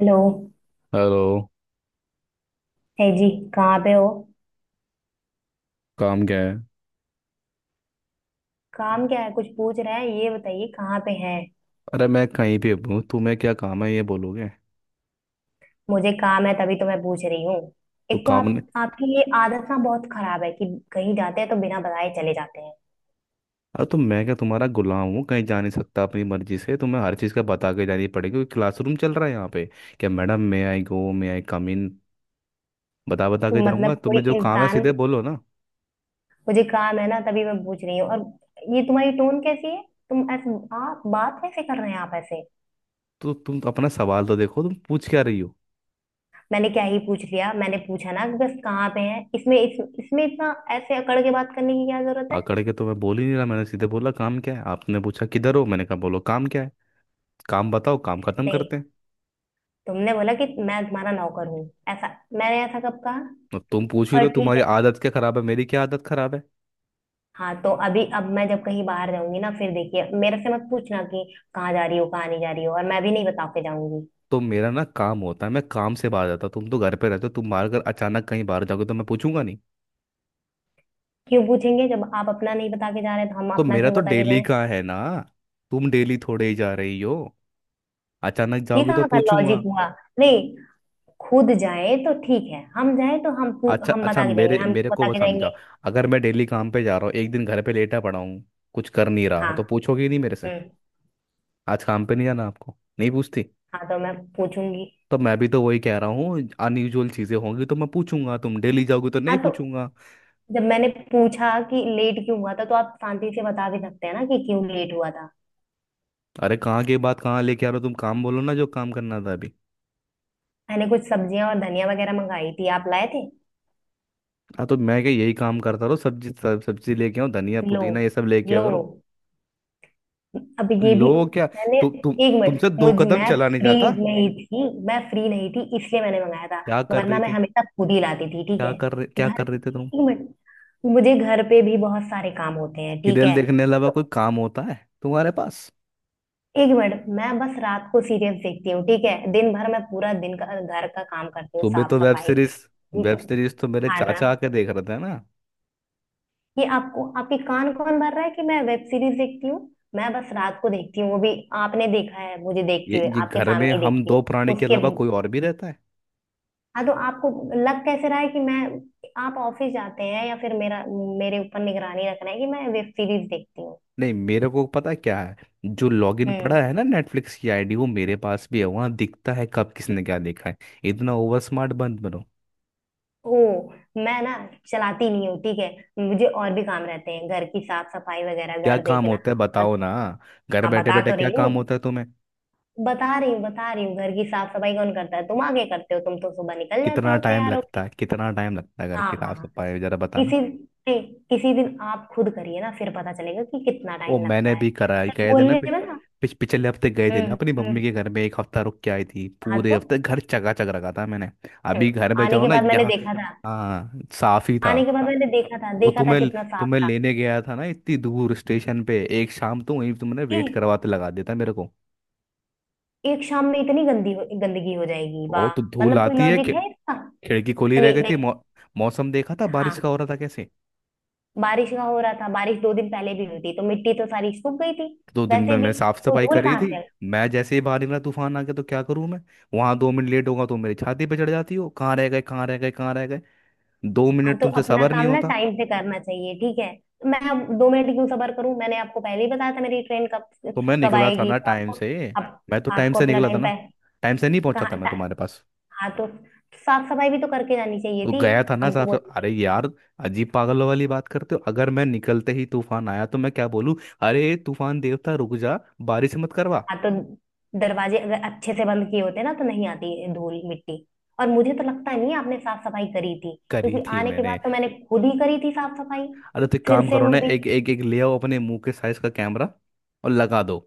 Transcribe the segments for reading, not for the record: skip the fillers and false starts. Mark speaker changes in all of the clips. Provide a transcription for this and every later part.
Speaker 1: Hello.
Speaker 2: Hello.
Speaker 1: है जी, कहाँ पे हो?
Speaker 2: काम क्या है?
Speaker 1: काम क्या है कुछ पूछ रहा है, ये बताइए कहाँ पे है।
Speaker 2: अरे मैं कहीं भी हूँ, तुम्हें क्या काम है ये बोलोगे?
Speaker 1: मुझे काम है तभी तो मैं पूछ रही हूँ।
Speaker 2: तो
Speaker 1: एक तो
Speaker 2: काम
Speaker 1: आप
Speaker 2: ने।
Speaker 1: आपकी ये आदत ना बहुत खराब है कि कहीं जाते हैं तो बिना बताए चले जाते हैं।
Speaker 2: अरे तो मैं क्या तुम्हारा गुलाम हूँ? कहीं जा नहीं सकता अपनी मर्जी से? तुम्हें हर चीज़ का बता के जानी पड़ेगी? क्योंकि क्लासरूम चल रहा है यहाँ पे। क्या मैडम, मे आई गो, मे आई कम इन। बता बता
Speaker 1: तो
Speaker 2: के जाऊँगा।
Speaker 1: मतलब कोई
Speaker 2: तुम्हें जो काम है
Speaker 1: इंसान
Speaker 2: सीधे बोलो ना।
Speaker 1: मुझे काम है ना तभी मैं पूछ रही हूँ। और ये तुम्हारी टोन कैसी है? तुम ऐसे आप बात कैसे कर रहे हैं आप ऐसे?
Speaker 2: तो तुम अपना सवाल तो देखो, तुम पूछ क्या रही हो।
Speaker 1: मैंने क्या ही पूछ लिया, मैंने पूछा ना कि बस कहाँ पे है, इसमें इतना ऐसे अकड़ के बात करने की क्या जरूरत है।
Speaker 2: आकड़ के तो मैं बोल ही नहीं रहा। मैंने सीधे बोला काम क्या है। आपने पूछा किधर हो, मैंने कहा बोलो काम क्या है। काम बताओ, काम खत्म
Speaker 1: नहीं,
Speaker 2: करते हैं।
Speaker 1: तुमने बोला कि मैं तुम्हारा नौकर हूँ, ऐसा मैंने ऐसा कब कहा?
Speaker 2: और तुम पूछ ही रहे
Speaker 1: और
Speaker 2: हो
Speaker 1: ठीक
Speaker 2: तुम्हारी
Speaker 1: है।
Speaker 2: आदत क्या खराब है, मेरी क्या आदत खराब है।
Speaker 1: हाँ तो अभी अब मैं जब कहीं बाहर जाऊंगी ना, फिर देखिए मेरे से मत पूछना कि कहाँ जा रही हो कहाँ नहीं जा रही हो, और मैं भी नहीं बता के जाऊंगी।
Speaker 2: तो मेरा ना काम होता है, मैं काम से बाहर जाता हूँ। तुम तो घर पे रहते हो, तुम बाहर अगर अचानक कहीं बाहर जाओगे तो मैं पूछूंगा नहीं?
Speaker 1: क्यों पूछेंगे? जब आप अपना नहीं बता के जा रहे तो हम
Speaker 2: तो
Speaker 1: अपना
Speaker 2: मेरा
Speaker 1: क्यों
Speaker 2: तो
Speaker 1: बता के
Speaker 2: डेली
Speaker 1: जाएं।
Speaker 2: का है ना। तुम डेली थोड़े ही जा रही हो, अचानक
Speaker 1: ये
Speaker 2: जाओगे तो
Speaker 1: कहाँ का लॉजिक
Speaker 2: पूछूंगा।
Speaker 1: हुआ? नहीं, खुद जाए तो ठीक है, हम जाए तो
Speaker 2: अच्छा
Speaker 1: हम
Speaker 2: अच्छा,
Speaker 1: बता के जाएंगे,
Speaker 2: मेरे
Speaker 1: हम
Speaker 2: मेरे
Speaker 1: क्यों
Speaker 2: को
Speaker 1: बता
Speaker 2: बस
Speaker 1: के जाएंगे?
Speaker 2: समझा। अगर मैं डेली काम पे जा रहा हूँ, एक दिन घर पे लेटा पड़ा हूँ, कुछ कर नहीं रहा,
Speaker 1: हाँ।
Speaker 2: तो पूछोगे नहीं मेरे से?
Speaker 1: हम्म।
Speaker 2: आज काम पे नहीं जाना आपको नहीं पूछती?
Speaker 1: हाँ तो मैं पूछूंगी।
Speaker 2: तो मैं भी तो वही कह रहा हूँ, अनयूजुअल चीजें होंगी तो मैं पूछूंगा, तुम डेली जाओगे तो
Speaker 1: हाँ
Speaker 2: नहीं
Speaker 1: तो
Speaker 2: पूछूंगा।
Speaker 1: जब मैंने पूछा कि लेट क्यों हुआ था तो आप शांति से बता भी सकते हैं ना कि क्यों लेट हुआ था।
Speaker 2: अरे कहाँ की बात कहाँ लेके आ रहे हो। तुम काम बोलो ना जो काम करना था अभी।
Speaker 1: मैंने कुछ सब्जियां और धनिया वगैरह मंगाई थी, आप लाए थे।
Speaker 2: हाँ तो मैं क्या यही काम करता रहो? सब्जी लेके आओ, धनिया
Speaker 1: लो,
Speaker 2: पुदीना ये सब लेके आ
Speaker 1: लो,
Speaker 2: करो।
Speaker 1: अब ये भी।
Speaker 2: लो क्या
Speaker 1: मैंने
Speaker 2: तुम,
Speaker 1: एक मिनट
Speaker 2: तुमसे दो
Speaker 1: मुझ
Speaker 2: कदम
Speaker 1: मैं
Speaker 2: चला नहीं
Speaker 1: फ्री
Speaker 2: जाता।
Speaker 1: नहीं थी। मैं फ्री नहीं थी इसलिए मैंने मंगाया था,
Speaker 2: क्या कर
Speaker 1: वरना
Speaker 2: रही
Speaker 1: मैं
Speaker 2: थी?
Speaker 1: हमेशा खुद ही लाती थी, ठीक है।
Speaker 2: क्या
Speaker 1: घर
Speaker 2: कर रहे
Speaker 1: की
Speaker 2: थे तुम?
Speaker 1: एक मिनट मुझे घर पे भी बहुत सारे काम होते हैं, ठीक
Speaker 2: सीरियल
Speaker 1: है।
Speaker 2: देखने के अलावा
Speaker 1: तो
Speaker 2: कोई काम होता है तुम्हारे पास?
Speaker 1: 1 मिनट, मैं बस रात को सीरियल देखती हूँ ठीक है, दिन भर मैं पूरा दिन का घर का काम करती हूँ,
Speaker 2: सुबह
Speaker 1: साफ
Speaker 2: तो वेब
Speaker 1: सफाई,
Speaker 2: सीरीज। वेब सीरीज तो मेरे
Speaker 1: खाना।
Speaker 2: चाचा आके देख रहे थे ना।
Speaker 1: ये आपको आपके कान कौन भर रहा है कि मैं वेब सीरीज देखती हूँ? मैं बस रात को देखती हूँ, वो भी आपने देखा है मुझे देखती
Speaker 2: ये
Speaker 1: हुए,
Speaker 2: ये
Speaker 1: आपके
Speaker 2: घर में
Speaker 1: सामने ही
Speaker 2: हम
Speaker 1: देखती हूँ
Speaker 2: दो प्राणी के
Speaker 1: उसके।
Speaker 2: अलावा कोई और भी रहता है?
Speaker 1: हाँ तो आपको लग कैसे रहा है कि मैं आप ऑफिस जाते हैं या फिर मेरा मेरे ऊपर निगरानी रख रहे हैं कि मैं वेब सीरीज देखती हूँ?
Speaker 2: नहीं, मेरे को पता है क्या है। जो लॉगिन पड़ा
Speaker 1: हम्म।
Speaker 2: है ना नेटफ्लिक्स की आईडी, वो मेरे पास भी है। वहां दिखता है कब किसने क्या देखा है। इतना ओवर स्मार्ट बंद बनो।
Speaker 1: ओ, मैं ना चलाती नहीं हूँ ठीक है। मुझे और भी काम रहते हैं, घर की साफ सफाई वगैरह,
Speaker 2: क्या
Speaker 1: घर
Speaker 2: काम
Speaker 1: देखना
Speaker 2: होता है
Speaker 1: और।
Speaker 2: बताओ ना। घर
Speaker 1: हाँ,
Speaker 2: बैठे
Speaker 1: बता
Speaker 2: बैठे
Speaker 1: तो
Speaker 2: क्या
Speaker 1: रही हूँ,
Speaker 2: काम होता है तुम्हें?
Speaker 1: बता रही हूँ घर की साफ सफाई कौन करता है? तुम आगे करते हो? तुम तो सुबह निकल जाते
Speaker 2: कितना
Speaker 1: हो
Speaker 2: टाइम
Speaker 1: तैयार हो।
Speaker 2: लगता है, कितना टाइम लगता है, अगर
Speaker 1: हाँ हाँ
Speaker 2: किताब
Speaker 1: हाँ।
Speaker 2: से पाए जरा बताना।
Speaker 1: किसी नहीं, किसी दिन आप खुद करिए ना, फिर पता चलेगा कि कितना
Speaker 2: ओ
Speaker 1: टाइम लगता
Speaker 2: मैंने
Speaker 1: है,
Speaker 2: भी करा है,
Speaker 1: सिर्फ
Speaker 2: गए थे ना
Speaker 1: बोलने
Speaker 2: पि,
Speaker 1: में ना।
Speaker 2: पिछ, पिछले हफ्ते गए थे ना,
Speaker 1: हम्म।
Speaker 2: अपनी
Speaker 1: हम्म।
Speaker 2: मम्मी के घर में एक हफ्ता रुक के आई थी,
Speaker 1: हाँ
Speaker 2: पूरे
Speaker 1: तो।
Speaker 2: हफ्ते घर चका चक रखा था मैंने। अभी
Speaker 1: हम्म,
Speaker 2: घर में
Speaker 1: आने
Speaker 2: जाओ
Speaker 1: के
Speaker 2: ना
Speaker 1: बाद मैंने
Speaker 2: यहाँ।
Speaker 1: देखा था,
Speaker 2: हाँ साफ ही था।
Speaker 1: आने के बाद मैंने देखा था,
Speaker 2: वो
Speaker 1: देखा था
Speaker 2: तुम्हें
Speaker 1: कितना साफ
Speaker 2: तुम्हें
Speaker 1: था।
Speaker 2: लेने गया था ना इतनी दूर स्टेशन पे, एक शाम तो वहीं तुमने
Speaker 1: ए,
Speaker 2: वेट करवाते लगा देता मेरे को।
Speaker 1: 1 शाम में इतनी गंदगी हो जाएगी, वाह।
Speaker 2: बहुत धूल
Speaker 1: मतलब कोई
Speaker 2: आती है।
Speaker 1: लॉजिक है इसका?
Speaker 2: खिड़की खोली रह
Speaker 1: नहीं
Speaker 2: गई थी।
Speaker 1: नहीं।
Speaker 2: मौसम देखा था बारिश
Speaker 1: हाँ,
Speaker 2: का हो रहा था कैसे।
Speaker 1: बारिश का हो रहा था, बारिश 2 दिन पहले भी हुई थी तो मिट्टी तो सारी सूख गई थी
Speaker 2: दो दिन में
Speaker 1: वैसे भी,
Speaker 2: मैंने साफ
Speaker 1: तो
Speaker 2: सफाई
Speaker 1: धूल
Speaker 2: करी थी।
Speaker 1: कहाँ से आई?
Speaker 2: मैं जैसे ही बाहर निकला तूफान आ गया, तो क्या करूं मैं। वहां दो मिनट लेट होगा तो मेरी छाती पे चढ़ जाती हो, कहाँ रह गए कहाँ रह गए कहाँ रह गए। दो
Speaker 1: हाँ
Speaker 2: मिनट
Speaker 1: तो
Speaker 2: तुमसे
Speaker 1: अपना
Speaker 2: सबर
Speaker 1: काम
Speaker 2: नहीं
Speaker 1: ना
Speaker 2: होता।
Speaker 1: टाइम से करना चाहिए, ठीक है? तो मैं अब 2 मिनट क्यों सबर करूं? मैंने आपको पहले ही बताया था मेरी ट्रेन कब
Speaker 2: तो मैं
Speaker 1: कब
Speaker 2: निकला था
Speaker 1: आएगी,
Speaker 2: ना
Speaker 1: तो
Speaker 2: टाइम
Speaker 1: आपको
Speaker 2: से।
Speaker 1: आप,
Speaker 2: मैं तो टाइम
Speaker 1: आपको
Speaker 2: से
Speaker 1: अपना
Speaker 2: निकला था
Speaker 1: टाइम
Speaker 2: ना।
Speaker 1: पे
Speaker 2: टाइम से नहीं पहुंचा था
Speaker 1: कहाँ
Speaker 2: मैं
Speaker 1: टा-
Speaker 2: तुम्हारे पास।
Speaker 1: हाँ तो साफ सफाई भी तो करके जानी चाहिए
Speaker 2: तो
Speaker 1: थी।
Speaker 2: गया था ना
Speaker 1: हमको
Speaker 2: साहब से।
Speaker 1: बोलिए।
Speaker 2: अरे यार, अजीब पागलों वाली बात करते हो। अगर मैं निकलते ही तूफान आया तो मैं क्या बोलूं? अरे तूफान देवता रुक जा, बारिश मत करवा।
Speaker 1: हाँ तो दरवाजे अगर अच्छे से बंद किए होते ना तो नहीं आती धूल मिट्टी, और मुझे तो लगता नहीं है आपने साफ सफाई करी थी,
Speaker 2: करी
Speaker 1: क्योंकि
Speaker 2: थी
Speaker 1: आने के
Speaker 2: मैंने।
Speaker 1: बाद तो मैंने खुद ही करी थी साफ सफाई।
Speaker 2: अरे तो एक
Speaker 1: फिर
Speaker 2: काम
Speaker 1: से
Speaker 2: करो
Speaker 1: वो
Speaker 2: ना,
Speaker 1: भी।
Speaker 2: एक एक एक ले आओ अपने मुंह के साइज का कैमरा, और लगा दो।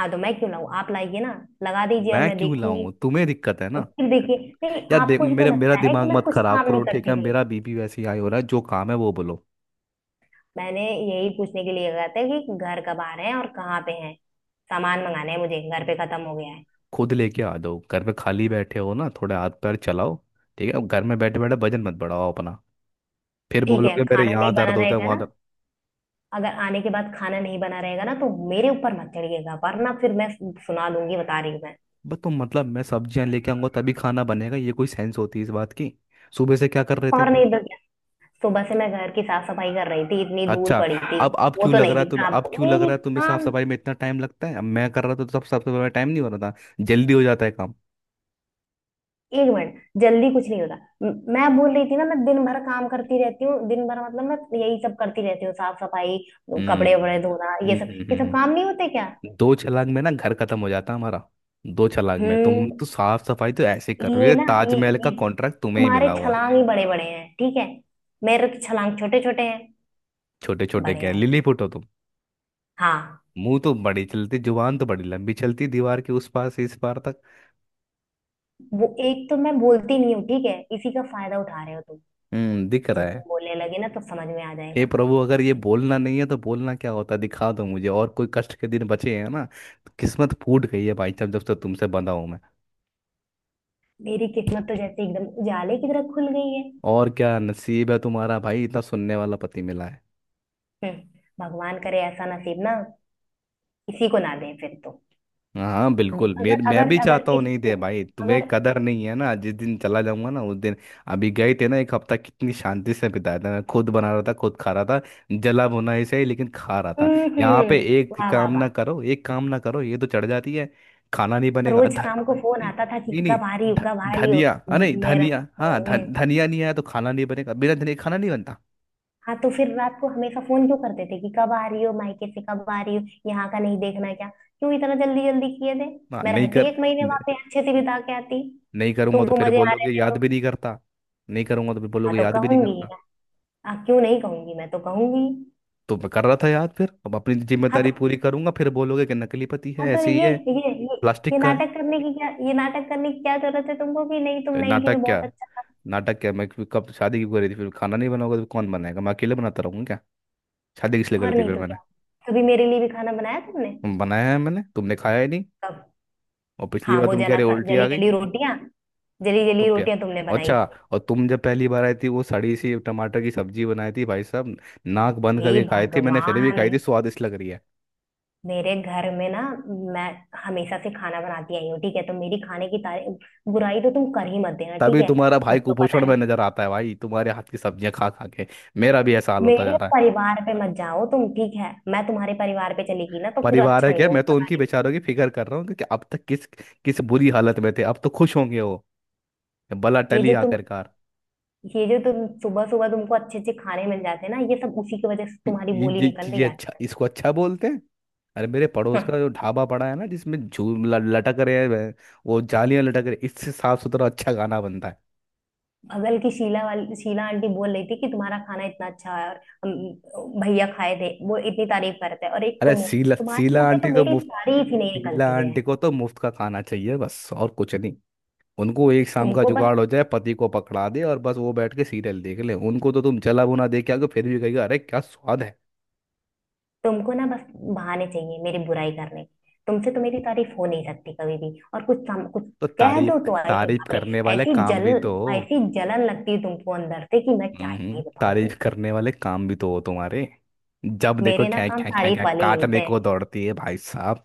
Speaker 1: हाँ तो मैं क्यों लाऊं? आप लाइए ना, लगा दीजिए और
Speaker 2: मैं
Speaker 1: मैं
Speaker 2: क्यों
Speaker 1: देखूंगी।
Speaker 2: लाऊं, तुम्हें दिक्कत है
Speaker 1: और
Speaker 2: ना।
Speaker 1: फिर देखिए, नहीं,
Speaker 2: यार देख,
Speaker 1: आपको ही तो
Speaker 2: मेरे मेरा
Speaker 1: लगता है कि
Speaker 2: दिमाग
Speaker 1: मैं
Speaker 2: मत
Speaker 1: कुछ
Speaker 2: खराब
Speaker 1: काम नहीं
Speaker 2: करो ठीक
Speaker 1: करती
Speaker 2: है।
Speaker 1: हूँ।
Speaker 2: मेरा बीपी वैसे ही हाई हो रहा है। जो काम है वो बोलो।
Speaker 1: मैंने यही पूछने के लिए कहा था कि घर कब आ रहे हैं और कहाँ पे हैं, सामान मंगाना है, मुझे घर पे खत्म हो गया है।
Speaker 2: खुद लेके आ जाओ, घर में खाली बैठे हो ना, थोड़े हाथ पैर चलाओ। ठीक है, अब घर में बैठे बैठे वजन मत बढ़ाओ अपना। फिर
Speaker 1: ठीक है,
Speaker 2: बोलोगे मेरे
Speaker 1: खाना
Speaker 2: यहाँ
Speaker 1: नहीं बना
Speaker 2: दर्द होता है
Speaker 1: रहेगा
Speaker 2: वहाँ
Speaker 1: ना,
Speaker 2: दर्द।
Speaker 1: अगर आने के बाद खाना नहीं बना रहेगा ना तो मेरे ऊपर मत चढ़िएगा वरना फिर मैं सुना दूंगी, बता रही हूँ मैं।
Speaker 2: बस तुम मतलब मैं सब्जियां लेके आऊंगा तभी खाना बनेगा, ये कोई सेंस होती है इस बात की? सुबह से क्या कर रहे थे?
Speaker 1: और नहीं तो क्या, सुबह से मैं घर की साफ सफाई कर रही थी, इतनी धूल
Speaker 2: अच्छा।
Speaker 1: पड़ी थी।
Speaker 2: अब
Speaker 1: वो
Speaker 2: क्यों
Speaker 1: तो
Speaker 2: लग
Speaker 1: नहीं
Speaker 2: रहा है
Speaker 1: दिखता
Speaker 2: तुम्हें, अब
Speaker 1: आपको
Speaker 2: क्यों लग
Speaker 1: मेरी
Speaker 2: रहा है तुम्हें साफ
Speaker 1: काम।
Speaker 2: सफाई में इतना टाइम लगता है? अब मैं कर रहा था तो सब साफ सफाई में टाइम नहीं हो रहा था, जल्दी हो जाता है काम।
Speaker 1: 1 मिनट, जल्दी कुछ नहीं होता। मैं बोल रही थी ना, मैं दिन भर काम करती रहती हूँ, दिन भर मतलब मैं यही सब करती रहती हूँ, साफ सफाई, कपड़े वपड़े
Speaker 2: हम्म
Speaker 1: धोना, ये
Speaker 2: हम्म
Speaker 1: सब, ये
Speaker 2: हम्म,
Speaker 1: सब काम
Speaker 2: हम्म,
Speaker 1: नहीं होते क्या?
Speaker 2: दो छलांग में ना घर खत्म हो जाता हमारा। दो छलांग में। तुम
Speaker 1: हम्म।
Speaker 2: तो साफ सफाई तो ऐसे कर रही हो ताजमहल का
Speaker 1: ये
Speaker 2: कॉन्ट्रैक्ट तुम्हें ही
Speaker 1: तुम्हारे
Speaker 2: मिला हुआ है।
Speaker 1: छलांग ही बड़े बड़े हैं ठीक है, मेरे तो छलांग छोटे छोटे हैं।
Speaker 2: छोटे छोटे
Speaker 1: बढ़िया
Speaker 2: क्या
Speaker 1: है।
Speaker 2: लिली हो तुम?
Speaker 1: हाँ,
Speaker 2: मुंह तो बड़ी चलती, जुबान तो बड़ी लंबी चलती, दीवार के उस पार से इस पार तक।
Speaker 1: वो एक तो मैं बोलती नहीं हूँ ठीक है, इसी का फायदा उठा रहे हो तुम।
Speaker 2: हम्म, दिख रहा
Speaker 1: जिस
Speaker 2: है।
Speaker 1: दिन बोलने लगे ना तो समझ में आ
Speaker 2: हे
Speaker 1: जाएगा।
Speaker 2: प्रभु, अगर ये बोलना नहीं है तो बोलना क्या होता है, दिखा दो मुझे। और कोई कष्ट के दिन बचे हैं ना, तो किस्मत फूट गई है भाई साहब जब से तुमसे बंधा हूं मैं।
Speaker 1: मेरी किस्मत तो जैसे एकदम उजाले की तरह खुल गई है।
Speaker 2: और क्या नसीब है तुम्हारा भाई, इतना सुनने वाला पति मिला है।
Speaker 1: हम्म, भगवान करे ऐसा नसीब ना किसी को ना दें फिर तो।
Speaker 2: हाँ बिल्कुल, मेरे
Speaker 1: अगर
Speaker 2: मैं
Speaker 1: अगर
Speaker 2: भी
Speaker 1: अगर
Speaker 2: चाहता हूँ
Speaker 1: इस
Speaker 2: नहीं दे भाई। तुम्हें
Speaker 1: अगर।
Speaker 2: कदर नहीं है ना, जिस दिन चला जाऊंगा ना उस दिन। अभी गए थे ना एक हफ्ता, कितनी शांति से बिताया था, मैं खुद बना रहा था खुद खा रहा था, जला भुना ही सही लेकिन खा रहा था।
Speaker 1: हम्म।
Speaker 2: यहाँ पे एक
Speaker 1: वाह वाह
Speaker 2: काम
Speaker 1: वाह।
Speaker 2: ना करो, एक काम ना करो, ये तो चढ़ जाती है। खाना नहीं बनेगा।
Speaker 1: रोज
Speaker 2: ध,
Speaker 1: शाम को फोन
Speaker 2: नहीं
Speaker 1: आता था कि
Speaker 2: नहीं नहीं
Speaker 1: कब आ रही हो,
Speaker 2: ध,
Speaker 1: कब आ रही हो।
Speaker 2: धनिया। अरे
Speaker 1: मेरा
Speaker 2: धनिया। हाँ, धन धनिया नहीं आया तो खाना नहीं बनेगा, बिना धनिया खाना नहीं बनता।
Speaker 1: हाँ तो फिर रात को हमेशा फोन क्यों करते थे कि कब आ रही हो मायके से, कब आ रही हो, यहाँ का नहीं देखना क्या, क्यों इतना जल्दी जल्दी किए थे?
Speaker 2: हाँ
Speaker 1: मैं
Speaker 2: नहीं
Speaker 1: रहती
Speaker 2: कर
Speaker 1: 1 महीने वहां
Speaker 2: नहीं
Speaker 1: पे अच्छे से बिता के आती।
Speaker 2: नहीं करूंगा तो
Speaker 1: तुमको
Speaker 2: फिर
Speaker 1: मजे आ रहे
Speaker 2: बोलोगे
Speaker 1: थे
Speaker 2: याद
Speaker 1: तो।
Speaker 2: भी नहीं करता। नहीं करूंगा तो फिर
Speaker 1: हाँ
Speaker 2: बोलोगे
Speaker 1: तो
Speaker 2: याद भी नहीं
Speaker 1: कहूंगी
Speaker 2: करता।
Speaker 1: ना, हाँ क्यों नहीं कहूंगी, मैं तो कहूंगी।
Speaker 2: तो मैं कर रहा था याद, फिर अब अपनी
Speaker 1: हाँ तो
Speaker 2: जिम्मेदारी पूरी करूंगा फिर बोलोगे कि नकली पति है,
Speaker 1: हाँ तो
Speaker 2: ऐसे ही
Speaker 1: ये
Speaker 2: है,
Speaker 1: ये ये ये
Speaker 2: प्लास्टिक का है।
Speaker 1: नाटक करने की क्या, ये नाटक करने की क्या जरूरत है तुमको कि नहीं तुम
Speaker 2: तो
Speaker 1: नहीं थी तो
Speaker 2: नाटक क्या
Speaker 1: बहुत अच्छा था।
Speaker 2: नाटक क्या मैं, कब शादी क्यों करी थी फिर? खाना नहीं बनाओगे तो कौन बनाएगा, मैं अकेले बनाता रहूंगा क्या? शादी किस लिए करी
Speaker 1: और
Speaker 2: थी
Speaker 1: नहीं
Speaker 2: फिर
Speaker 1: तो
Speaker 2: मैंने?
Speaker 1: क्या, कभी मेरे लिए भी खाना बनाया तुमने?
Speaker 2: तुम बनाया है मैंने, तुमने खाया ही नहीं।
Speaker 1: कब?
Speaker 2: और पिछली
Speaker 1: हाँ,
Speaker 2: बार
Speaker 1: वो
Speaker 2: तुम कह
Speaker 1: जला
Speaker 2: रहे
Speaker 1: सा
Speaker 2: उल्टी आ
Speaker 1: जली
Speaker 2: गई।
Speaker 1: जली रोटियां, जली
Speaker 2: वो तो
Speaker 1: जली
Speaker 2: प्या
Speaker 1: रोटियां तुमने बनाई
Speaker 2: अच्छा।
Speaker 1: थी।
Speaker 2: और तुम जब पहली बार आई थी, वो सड़ी सी टमाटर की सब्जी बनाई थी भाई साहब। नाक बंद
Speaker 1: हे
Speaker 2: करके खाई थी मैंने, फिर भी खाई थी,
Speaker 1: भगवान,
Speaker 2: स्वादिष्ट लग रही है।
Speaker 1: मेरे घर में ना, मैं हमेशा से खाना बनाती आई हूँ ठीक है, तो मेरी खाने की तारीफ बुराई तो तुम कर ही मत देना, ठीक
Speaker 2: तभी
Speaker 1: है?
Speaker 2: तुम्हारा भाई
Speaker 1: खुद तो पता
Speaker 2: कुपोषण में
Speaker 1: नहीं।
Speaker 2: नजर आता है भाई, तुम्हारे हाथ की सब्जियां खा खा के। मेरा भी ऐसा हाल होता जा
Speaker 1: मेरे
Speaker 2: रहा है।
Speaker 1: परिवार पे मत जाओ तुम, ठीक है? मैं तुम्हारे परिवार पे चली गई ना तो फिर
Speaker 2: परिवार
Speaker 1: अच्छा
Speaker 2: है
Speaker 1: नहीं
Speaker 2: क्या, मैं तो
Speaker 1: होगा, पता
Speaker 2: उनकी
Speaker 1: नहीं।
Speaker 2: बेचारों की फिक्र कर रहा हूँ कि अब तक किस किस बुरी हालत में थे। अब तो खुश होंगे वो, भला
Speaker 1: ये
Speaker 2: टली
Speaker 1: जो तुम
Speaker 2: आखिरकार।
Speaker 1: ये जो तुम सुबह सुबह तुमको अच्छे अच्छे खाने मिल जाते हैं ना ये सब उसी की वजह से तुम्हारी
Speaker 2: ये
Speaker 1: बोली
Speaker 2: ये
Speaker 1: निकल रही
Speaker 2: चीजें
Speaker 1: है।
Speaker 2: अच्छा, इसको अच्छा बोलते हैं? अरे मेरे पड़ोस का जो ढाबा पड़ा है ना, जिसमें लटक रहे हैं वो जालियां लटक रही, इससे साफ सुथरा अच्छा खाना बनता है।
Speaker 1: बगल की शीला आंटी बोल रही थी कि तुम्हारा खाना इतना अच्छा है, और भैया खाए थे वो इतनी तारीफ करते हैं, और एक
Speaker 2: अरे
Speaker 1: तुम हो,
Speaker 2: सीला
Speaker 1: तुम्हारे
Speaker 2: सीला
Speaker 1: मुंह से
Speaker 2: आंटी
Speaker 1: तो
Speaker 2: तो
Speaker 1: मेरी
Speaker 2: मुफ्त
Speaker 1: तारीफ ही नहीं
Speaker 2: सीला
Speaker 1: निकलती है।
Speaker 2: आंटी को तो मुफ्त का खाना चाहिए बस और कुछ नहीं। उनको एक शाम का
Speaker 1: तुमको बस
Speaker 2: जुगाड़ हो जाए, पति को पकड़ा दे, और बस वो बैठ के सीरियल देख ले। उनको तो तुम जला भुना दे के आओगे फिर भी कहेगा अरे क्या स्वाद है।
Speaker 1: तुमको ना बस बहाने चाहिए मेरी बुराई करने के। तुमसे तो मेरी तारीफ हो नहीं सकती कभी भी, और कुछ
Speaker 2: तो
Speaker 1: कह दो
Speaker 2: तारीफ
Speaker 1: तो अरे
Speaker 2: तारीफ
Speaker 1: बाप रे
Speaker 2: करने वाले
Speaker 1: ऐसी
Speaker 2: काम
Speaker 1: जल
Speaker 2: भी तो हो।
Speaker 1: ऐसी जलन लगती है तुमको अंदर से कि मैं क्या ही बताऊं
Speaker 2: तारीफ
Speaker 1: तुमको।
Speaker 2: करने वाले काम भी तो हो तुम्हारे। जब देखो
Speaker 1: मेरे ना
Speaker 2: ख्या
Speaker 1: काम
Speaker 2: ख्या ख्या
Speaker 1: तारीफ
Speaker 2: ख्या
Speaker 1: वाले ही होते
Speaker 2: काटने
Speaker 1: हैं,
Speaker 2: को दौड़ती है भाई साहब।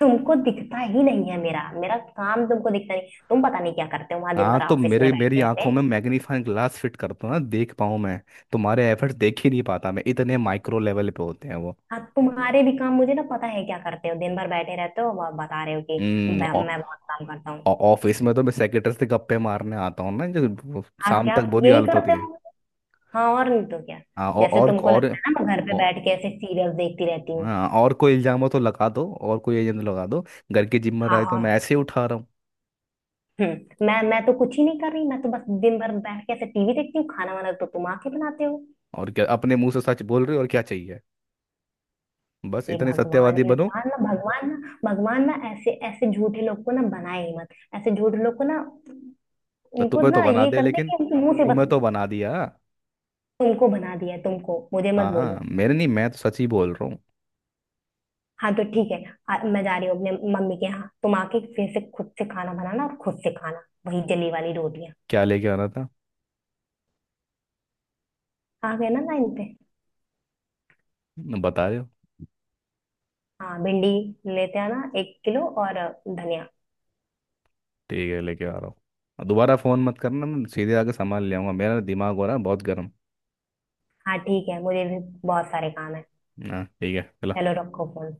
Speaker 1: तुमको दिखता ही नहीं है मेरा मेरा काम, तुमको दिखता नहीं, तुम पता नहीं क्या करते हो वहां दिन
Speaker 2: हाँ
Speaker 1: भर
Speaker 2: तो
Speaker 1: ऑफिस
Speaker 2: मेरे
Speaker 1: में
Speaker 2: मेरी
Speaker 1: बैठे
Speaker 2: आंखों
Speaker 1: बैठे।
Speaker 2: में मैग्नीफाइंग ग्लास फिट कर दो ना, देख पाऊँ मैं। तुम्हारे एफर्ट्स देख ही नहीं पाता, मैं इतने माइक्रो लेवल पे होते हैं वो।
Speaker 1: हाँ, तुम्हारे भी काम मुझे ना पता है क्या करते हो, दिन भर बैठे रहते हो और बता रहे हो कि
Speaker 2: हम्म, ऑ-
Speaker 1: मैं बहुत काम करता हूँ।
Speaker 2: ऑफिस में तो मैं सेक्रेटरी से गप्पे मारने आता हूँ ना, जो
Speaker 1: हाँ,
Speaker 2: शाम
Speaker 1: क्या
Speaker 2: तक
Speaker 1: आप
Speaker 2: बुरी
Speaker 1: यही
Speaker 2: हालत
Speaker 1: करते
Speaker 2: होती है।
Speaker 1: हो? हाँ, और नहीं तो क्या,
Speaker 2: हाँ औ-
Speaker 1: जैसे
Speaker 2: और
Speaker 1: तुमको
Speaker 2: और,
Speaker 1: लगता है ना मैं घर पे
Speaker 2: और
Speaker 1: बैठ के ऐसे सीरियल देखती रहती हूँ।
Speaker 2: हाँ, और कोई इल्जाम हो तो लगा दो, और कोई एजेंडा लगा दो। घर की
Speaker 1: हाँ
Speaker 2: जिम्मेदारी तो मैं
Speaker 1: और
Speaker 2: ऐसे ही उठा रहा हूँ।
Speaker 1: हम्म, मैं तो कुछ ही नहीं कर रही, मैं तो बस दिन भर बैठ के ऐसे टीवी देखती हूँ, खाना वाना तो तुम आके बनाते हो।
Speaker 2: और क्या अपने मुंह से सच बोल रहे हो, और क्या चाहिए? बस
Speaker 1: ये
Speaker 2: इतने
Speaker 1: भगवान,
Speaker 2: सत्यवादी बनो।
Speaker 1: इंसान ना, भगवान ना, भगवान ना ऐसे, ऐसे झूठे लोग को ना बनाए ही मत, ऐसे झूठे लोग को ना,
Speaker 2: तो
Speaker 1: उनको
Speaker 2: तुम्हें तो
Speaker 1: ना
Speaker 2: बना
Speaker 1: ये
Speaker 2: दे
Speaker 1: कर दे
Speaker 2: लेकिन
Speaker 1: कि उनके मुंह से बस
Speaker 2: तुम्हें तो बना दिया।
Speaker 1: तुमको बना दिया है, तुमको, मुझे मत
Speaker 2: हाँ
Speaker 1: बोलो।
Speaker 2: मेरे नहीं, मैं तो सच ही बोल रहा हूँ।
Speaker 1: हाँ तो ठीक है। मैं जा रही हूँ अपने मम्मी के यहाँ, तुम आके फिर से खुद से खाना बनाना और खुद से खाना, वही जली वाली रोटियां।
Speaker 2: क्या लेके आना था
Speaker 1: आ गए ना लाइन पे।
Speaker 2: बता रहे हो।
Speaker 1: हाँ, भिंडी लेते आना 1 किलो और धनिया।
Speaker 2: ठीक है लेके आ रहा हूँ। और दोबारा फोन मत करना, मैं सीधे आके सामान ले आऊंगा। मेरा दिमाग हो रहा है बहुत गर्म।
Speaker 1: हाँ ठीक है, मुझे भी बहुत सारे काम है।
Speaker 2: हाँ ठीक
Speaker 1: चलो
Speaker 2: है।
Speaker 1: रखो फोन।